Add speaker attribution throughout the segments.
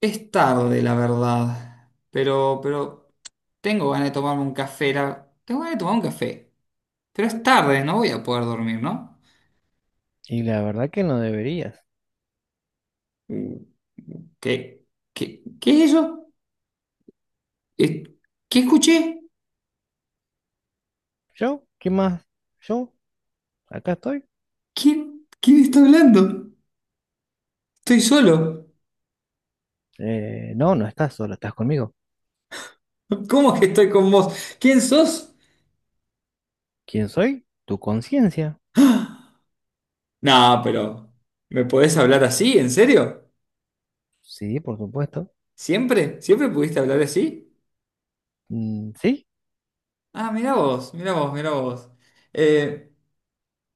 Speaker 1: Es tarde, la verdad. Pero tengo ganas de tomarme un café. Tengo ganas de tomar un café. Pero es tarde, no voy a poder dormir, ¿no?
Speaker 2: Y la verdad que no deberías.
Speaker 1: Mm. ¿Qué, qué es eso? Eh, ¿Qué escuché?
Speaker 2: ¿Yo? ¿Qué más? ¿Yo? ¿Acá estoy?
Speaker 1: ¿Quién está hablando? Estoy solo.
Speaker 2: No, no estás solo, estás conmigo.
Speaker 1: ¿Cómo que estoy con vos? ¿Quién sos?
Speaker 2: ¿Quién soy? Tu conciencia.
Speaker 1: No, pero ¿me podés hablar así? ¿En serio?
Speaker 2: Sí, por supuesto.
Speaker 1: ¿Siempre? ¿Siempre pudiste hablar así?
Speaker 2: Mm, sí,
Speaker 1: Ah, mirá vos, mirá vos, mirá vos. Eh,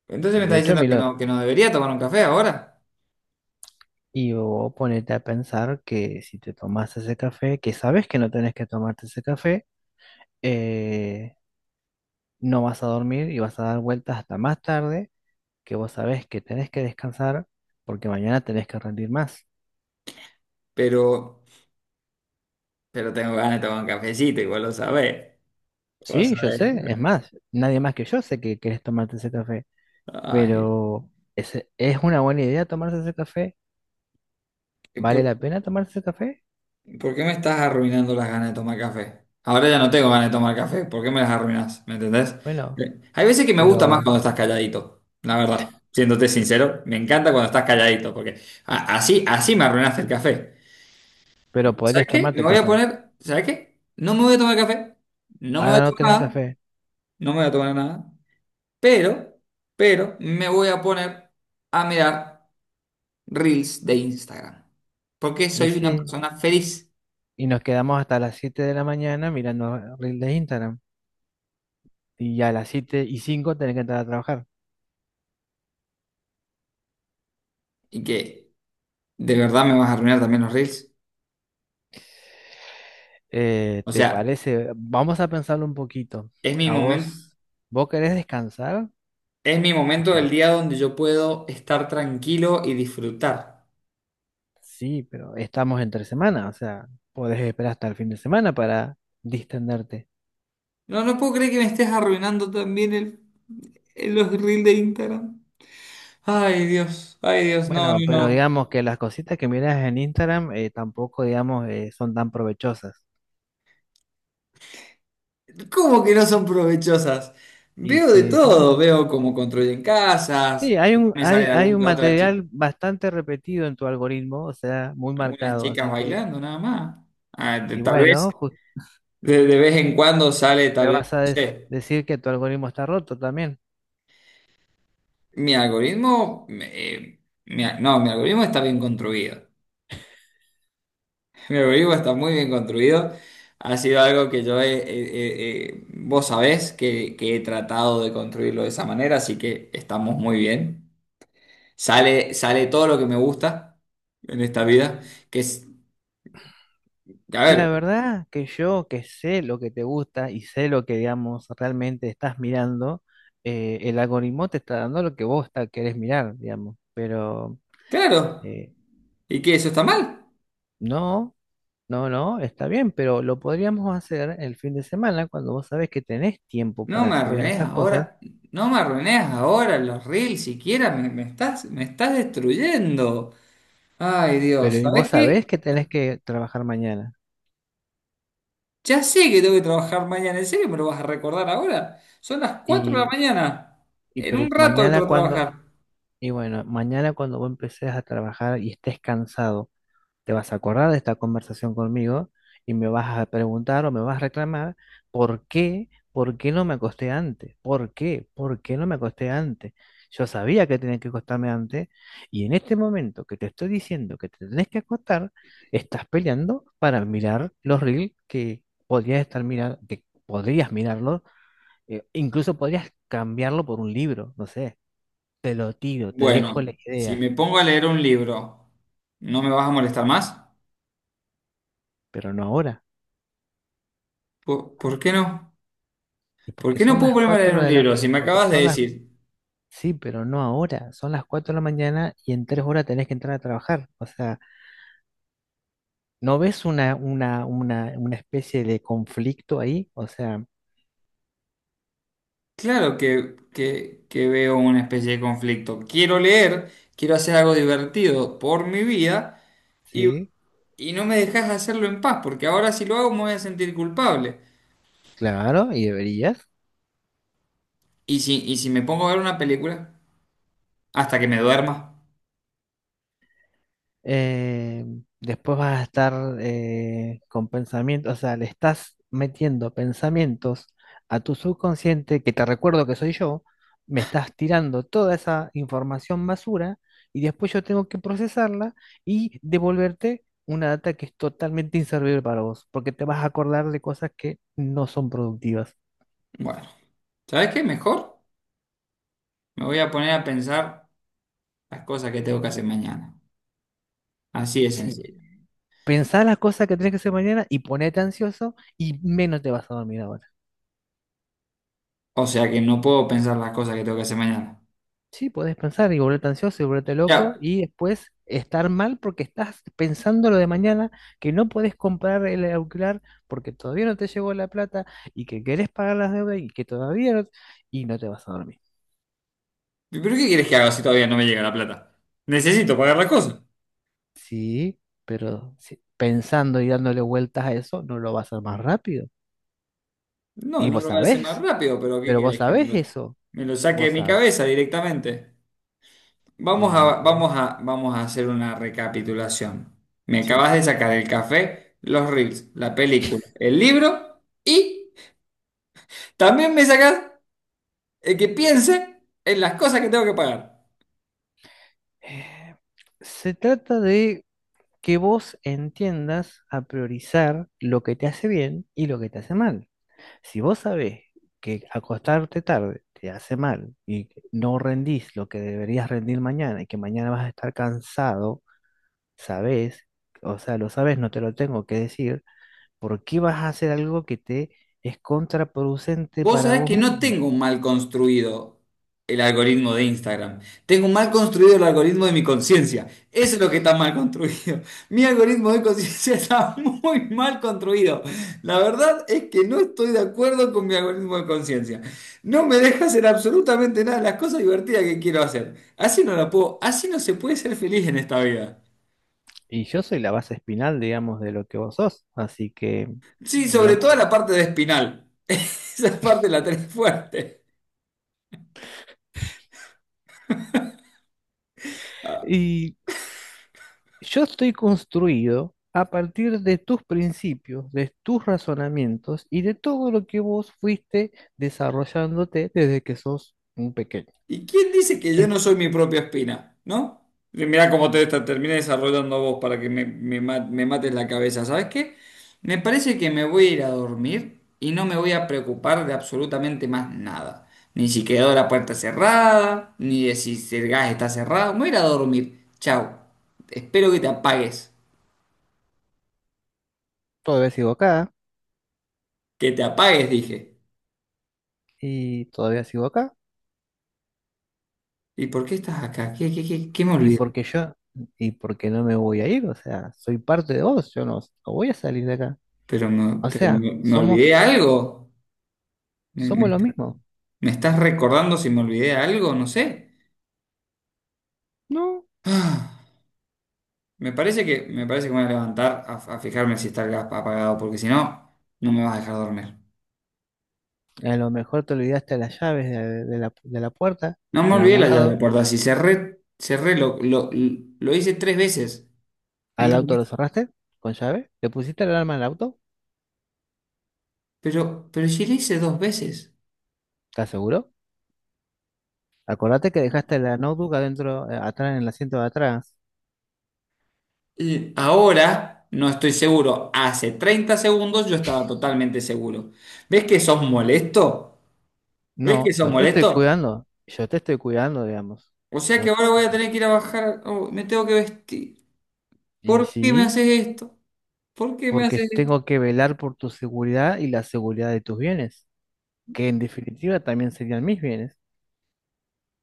Speaker 1: Entonces me está
Speaker 2: de hecho,
Speaker 1: diciendo
Speaker 2: Milo,
Speaker 1: que no debería tomar un café ahora,
Speaker 2: y vos ponete a pensar que si te tomas ese café, que sabes que no tenés que tomarte ese café, eh, no vas a dormir y vas a dar vueltas hasta más tarde, que vos sabés que tenés que descansar porque mañana tenés que rendir más.
Speaker 1: pero, pero tengo ganas de tomar un cafecito, igual lo sabés. Vos
Speaker 2: Sí, yo
Speaker 1: sabés,
Speaker 2: sé, es más, nadie más que yo sé que querés tomarte ese café.
Speaker 1: ay,
Speaker 2: Pero ¿es una buena idea tomarse ese café?
Speaker 1: ¿y ¿por,
Speaker 2: ¿Vale la pena tomarse ese café?
Speaker 1: por qué me estás arruinando las ganas de tomar café? Ahora ya no tengo ganas de tomar café, ¿por qué me las arruinas? ¿Me entendés?
Speaker 2: Bueno,
Speaker 1: Hay veces que me gusta más
Speaker 2: pero,
Speaker 1: cuando estás calladito, la verdad, siéndote sincero, me encanta cuando estás calladito, porque así me arruinaste el café.
Speaker 2: pero
Speaker 1: ¿Sabes
Speaker 2: podrías
Speaker 1: qué? Me
Speaker 2: tomarte el
Speaker 1: voy a
Speaker 2: café.
Speaker 1: poner, ¿sabes qué? No me voy a tomar café, no me voy a
Speaker 2: Ahora no querés
Speaker 1: tomar
Speaker 2: el
Speaker 1: nada,
Speaker 2: café.
Speaker 1: no me voy a tomar nada. Pero, pero me voy a poner a mirar reels de Instagram. Porque
Speaker 2: Y
Speaker 1: soy una
Speaker 2: sí,
Speaker 1: persona feliz
Speaker 2: y nos quedamos hasta las 7 de la mañana mirando reels de Instagram. Y ya a las 7:05 tenés que entrar a trabajar.
Speaker 1: y que de verdad me vas a arruinar también los reels. O
Speaker 2: ¿Te
Speaker 1: sea,
Speaker 2: parece? Vamos a pensarlo un poquito.
Speaker 1: es mi
Speaker 2: ¿A
Speaker 1: momento,
Speaker 2: vos, vos querés descansar?
Speaker 1: es mi
Speaker 2: O
Speaker 1: momento del
Speaker 2: sea,
Speaker 1: día donde yo puedo estar tranquilo y disfrutar.
Speaker 2: sí, pero estamos entre semana. O sea, podés esperar hasta el fin de semana para distenderte.
Speaker 1: No, no puedo creer que me estés arruinando también los reels de Instagram. Ay, Dios, no,
Speaker 2: Bueno,
Speaker 1: no,
Speaker 2: pero
Speaker 1: no.
Speaker 2: digamos que las cositas que miras en Instagram tampoco, digamos, son tan provechosas.
Speaker 1: ¿Cómo que no son provechosas?
Speaker 2: Y
Speaker 1: Veo de
Speaker 2: si, si vos
Speaker 1: todo,
Speaker 2: ma-
Speaker 1: veo cómo construyen casas,
Speaker 2: sí, hay un,
Speaker 1: me sale
Speaker 2: hay, hay
Speaker 1: alguna
Speaker 2: un
Speaker 1: que otra
Speaker 2: material bastante repetido en tu algoritmo, o sea, muy
Speaker 1: algunas
Speaker 2: marcado.
Speaker 1: chicas
Speaker 2: Así que,
Speaker 1: bailando nada más. Ah,
Speaker 2: y
Speaker 1: tal vez
Speaker 2: bueno,
Speaker 1: de vez en cuando sale,
Speaker 2: me
Speaker 1: tal vez,
Speaker 2: vas a
Speaker 1: no sé.
Speaker 2: decir que tu algoritmo está roto también.
Speaker 1: Mi algoritmo, no, mi algoritmo está bien construido. Mi algoritmo está muy bien construido. Ha sido algo que yo vos sabés que he tratado de construirlo de esa manera, así que estamos muy bien. Sale, sale todo lo que me gusta en esta vida, que es, a
Speaker 2: La
Speaker 1: ver,
Speaker 2: verdad que yo que sé lo que te gusta y sé lo que, digamos, realmente estás mirando, el algoritmo te está dando lo que vos querés mirar, digamos. Pero
Speaker 1: claro,
Speaker 2: eh,
Speaker 1: ¿y qué? ¿Eso está mal?
Speaker 2: no. No, no, está bien, pero lo podríamos hacer el fin de semana cuando vos sabés que tenés tiempo
Speaker 1: No me
Speaker 2: para mirar
Speaker 1: arruines
Speaker 2: esas cosas,
Speaker 1: ahora, no me arruines ahora los reels siquiera, me estás destruyendo. Ay, Dios,
Speaker 2: pero y
Speaker 1: ¿sabes
Speaker 2: vos sabés
Speaker 1: qué?
Speaker 2: que tenés que trabajar mañana.
Speaker 1: Ya sé que tengo que trabajar mañana, ¿en serio me lo vas a recordar ahora? Son las 4 de la
Speaker 2: Y,
Speaker 1: mañana,
Speaker 2: y
Speaker 1: en un rato entro a trabajar.
Speaker 2: y bueno, mañana cuando vos empecés a trabajar y estés cansado. Te vas a acordar de esta conversación conmigo y me vas a preguntar o me vas a reclamar por qué, por qué, no me acosté antes, por qué no me acosté antes. Yo sabía que tenía que acostarme antes y en este momento que te estoy diciendo que te tenés que acostar, estás peleando para mirar los reels que podrías estar mirando, que podrías mirarlos, incluso podrías cambiarlo por un libro, no sé. Te lo tiro, te dejo la
Speaker 1: Bueno, si
Speaker 2: idea,
Speaker 1: me pongo a leer un libro, ¿no me vas a molestar más?
Speaker 2: pero no ahora.
Speaker 1: ¿Por qué no?
Speaker 2: Y
Speaker 1: ¿Por
Speaker 2: porque
Speaker 1: qué no
Speaker 2: son
Speaker 1: puedo
Speaker 2: las
Speaker 1: ponerme a leer
Speaker 2: 4
Speaker 1: un
Speaker 2: de la,
Speaker 1: libro? Si me
Speaker 2: porque
Speaker 1: acabas de
Speaker 2: son las...
Speaker 1: decir,
Speaker 2: Sí, pero no ahora. Son las 4 de la mañana y en 3 horas tenés que entrar a trabajar. O sea, ¿no ves una especie de conflicto ahí? O sea,
Speaker 1: claro que veo una especie de conflicto. Quiero leer, quiero hacer algo divertido por mi vida y,
Speaker 2: sí,
Speaker 1: y no me dejas hacerlo en paz, porque ahora si lo hago me voy a sentir culpable.
Speaker 2: claro, y deberías.
Speaker 1: Y si me pongo a ver una película hasta que me duerma,
Speaker 2: eh, después vas a estar con pensamientos, o sea, le estás metiendo pensamientos a tu subconsciente, que te recuerdo que soy yo, me estás tirando toda esa información basura y después yo tengo que procesarla y devolverte una data que es totalmente inservible para vos, porque te vas a acordar de cosas que no son productivas.
Speaker 1: bueno, ¿sabes qué? Mejor me voy a poner a pensar las cosas que tengo que hacer mañana. Así de
Speaker 2: Sí.
Speaker 1: sencillo.
Speaker 2: Pensá las cosas que tenés que hacer mañana y ponete ansioso y menos te vas a dormir ahora.
Speaker 1: O sea que no puedo pensar las cosas que tengo que hacer mañana.
Speaker 2: Sí, podés pensar y volverte ansioso y volverte loco
Speaker 1: Ya.
Speaker 2: y después estar mal porque estás pensando lo de mañana, que no podés comprar el auricular porque todavía no te llegó la plata y que querés pagar las deudas y que todavía no, y no te vas a dormir.
Speaker 1: ¿Pero qué quieres que haga si todavía no me llega la plata? Necesito pagar las cosas.
Speaker 2: Sí, pensando y dándole vueltas a eso, no lo vas a hacer más rápido.
Speaker 1: No,
Speaker 2: Y
Speaker 1: no lo
Speaker 2: vos
Speaker 1: voy a hacer más
Speaker 2: sabés,
Speaker 1: rápido, pero ¿qué
Speaker 2: pero vos
Speaker 1: quieres que me
Speaker 2: sabés
Speaker 1: lo,
Speaker 2: eso,
Speaker 1: me lo saque de
Speaker 2: vos
Speaker 1: mi
Speaker 2: sabés.
Speaker 1: cabeza directamente? Vamos
Speaker 2: Y
Speaker 1: a,
Speaker 2: vos-
Speaker 1: vamos a, vamos a hacer una recapitulación. Me
Speaker 2: sí.
Speaker 1: acabas de sacar el café, los reels, la película, el libro y también me sacas el que piense en las cosas que tengo que pagar.
Speaker 2: Eh, se trata de que vos entiendas a priorizar lo que te hace bien y lo que te hace mal. Si vos sabés que acostarte tarde te hace mal y que no rendís lo que deberías rendir mañana y que mañana vas a estar cansado, sabés, o sea, lo sabés, no te lo tengo que decir, ¿por qué vas a hacer algo que te es contraproducente
Speaker 1: Vos
Speaker 2: para
Speaker 1: sabés
Speaker 2: vos
Speaker 1: que no
Speaker 2: mismo?
Speaker 1: tengo un mal construido el algoritmo de Instagram. Tengo mal construido el algoritmo de mi conciencia. Eso es lo que está mal construido. Mi algoritmo de conciencia está muy mal construido. La verdad es que no estoy de acuerdo con mi algoritmo de conciencia. No me deja hacer absolutamente nada de las cosas divertidas que quiero hacer. Así no la puedo, así no se puede ser feliz en esta vida.
Speaker 2: Y yo soy la base espinal, digamos, de lo que vos sos, así que,
Speaker 1: Sí, sobre todo la
Speaker 2: digamos.
Speaker 1: parte de espinal. Esa parte la tenés fuerte.
Speaker 2: Y yo estoy construido a partir de tus principios, de tus razonamientos y de todo lo que vos fuiste desarrollándote desde que sos un pequeño.
Speaker 1: ¿Y quién dice que yo no
Speaker 2: En-
Speaker 1: soy mi propia espina? ¿No? Y mirá cómo te terminé desarrollando vos para que me mates la cabeza. ¿Sabes qué? Me parece que me voy a ir a dormir y no me voy a preocupar de absolutamente más nada. Ni si quedó la puerta cerrada, ni de si el gas está cerrado. Me voy a ir a dormir. Chao. Espero que te apagues.
Speaker 2: todavía sigo acá
Speaker 1: Que te apagues, dije.
Speaker 2: y todavía sigo acá
Speaker 1: ¿Y por qué estás acá? ¿Qué me
Speaker 2: y
Speaker 1: olvidé?
Speaker 2: porque yo y porque no me voy a ir, o sea, soy parte de vos, yo no, no voy a salir de acá.
Speaker 1: ¿Pero me,
Speaker 2: O
Speaker 1: pero
Speaker 2: sea,
Speaker 1: me, me
Speaker 2: somos
Speaker 1: olvidé algo?
Speaker 2: somos lo mismo.
Speaker 1: ¿Me estás recordando si me olvidé algo? No sé.
Speaker 2: No,
Speaker 1: Ah, Me parece que me voy a levantar a fijarme si está el gas apagado, porque si no, no me vas a dejar dormir.
Speaker 2: a lo mejor te olvidaste las llaves de la puerta
Speaker 1: No me
Speaker 2: en
Speaker 1: olvidé
Speaker 2: algún
Speaker 1: la llave de la
Speaker 2: lado.
Speaker 1: puerta. Si cerré, cerré, lo hice tres veces. ¿No
Speaker 2: ¿Al
Speaker 1: te
Speaker 2: auto
Speaker 1: acordás?
Speaker 2: lo cerraste con llave? ¿Le pusiste el alarma al auto?
Speaker 1: Pero si le hice dos veces.
Speaker 2: ¿Estás seguro? Acordate que dejaste la notebook adentro, atrás, en el asiento de atrás.
Speaker 1: Y ahora no estoy seguro. Hace 30 segundos yo estaba totalmente seguro. ¿Ves que sos molesto? ¿Ves que
Speaker 2: No,
Speaker 1: sos
Speaker 2: yo te estoy
Speaker 1: molesto?
Speaker 2: cuidando. Yo te estoy cuidando, digamos.
Speaker 1: O sea que
Speaker 2: Yo
Speaker 1: ahora voy a
Speaker 2: tengo-
Speaker 1: tener que ir a bajar. Oh, me tengo que vestir.
Speaker 2: Y
Speaker 1: ¿Por qué me
Speaker 2: sí,
Speaker 1: haces esto? ¿Por qué me
Speaker 2: porque
Speaker 1: haces esto?
Speaker 2: tengo que velar por tu seguridad y la seguridad de tus bienes, que en definitiva también serían mis bienes.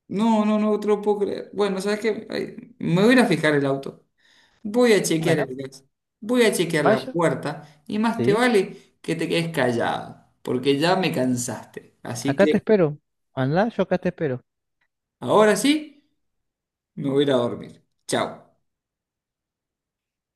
Speaker 1: No, no, no te lo puedo creer. Bueno, ¿sabes qué? Ay, me voy a ir a fijar el auto. Voy a chequear
Speaker 2: Bueno,
Speaker 1: el gas. Voy a chequear la
Speaker 2: vaya,
Speaker 1: puerta. Y más te
Speaker 2: sí.
Speaker 1: vale que te quedes callado, porque ya me cansaste. Así
Speaker 2: Acá te
Speaker 1: que
Speaker 2: espero. Andá, yo acá te espero.
Speaker 1: ahora sí, me voy a ir a dormir. Chao.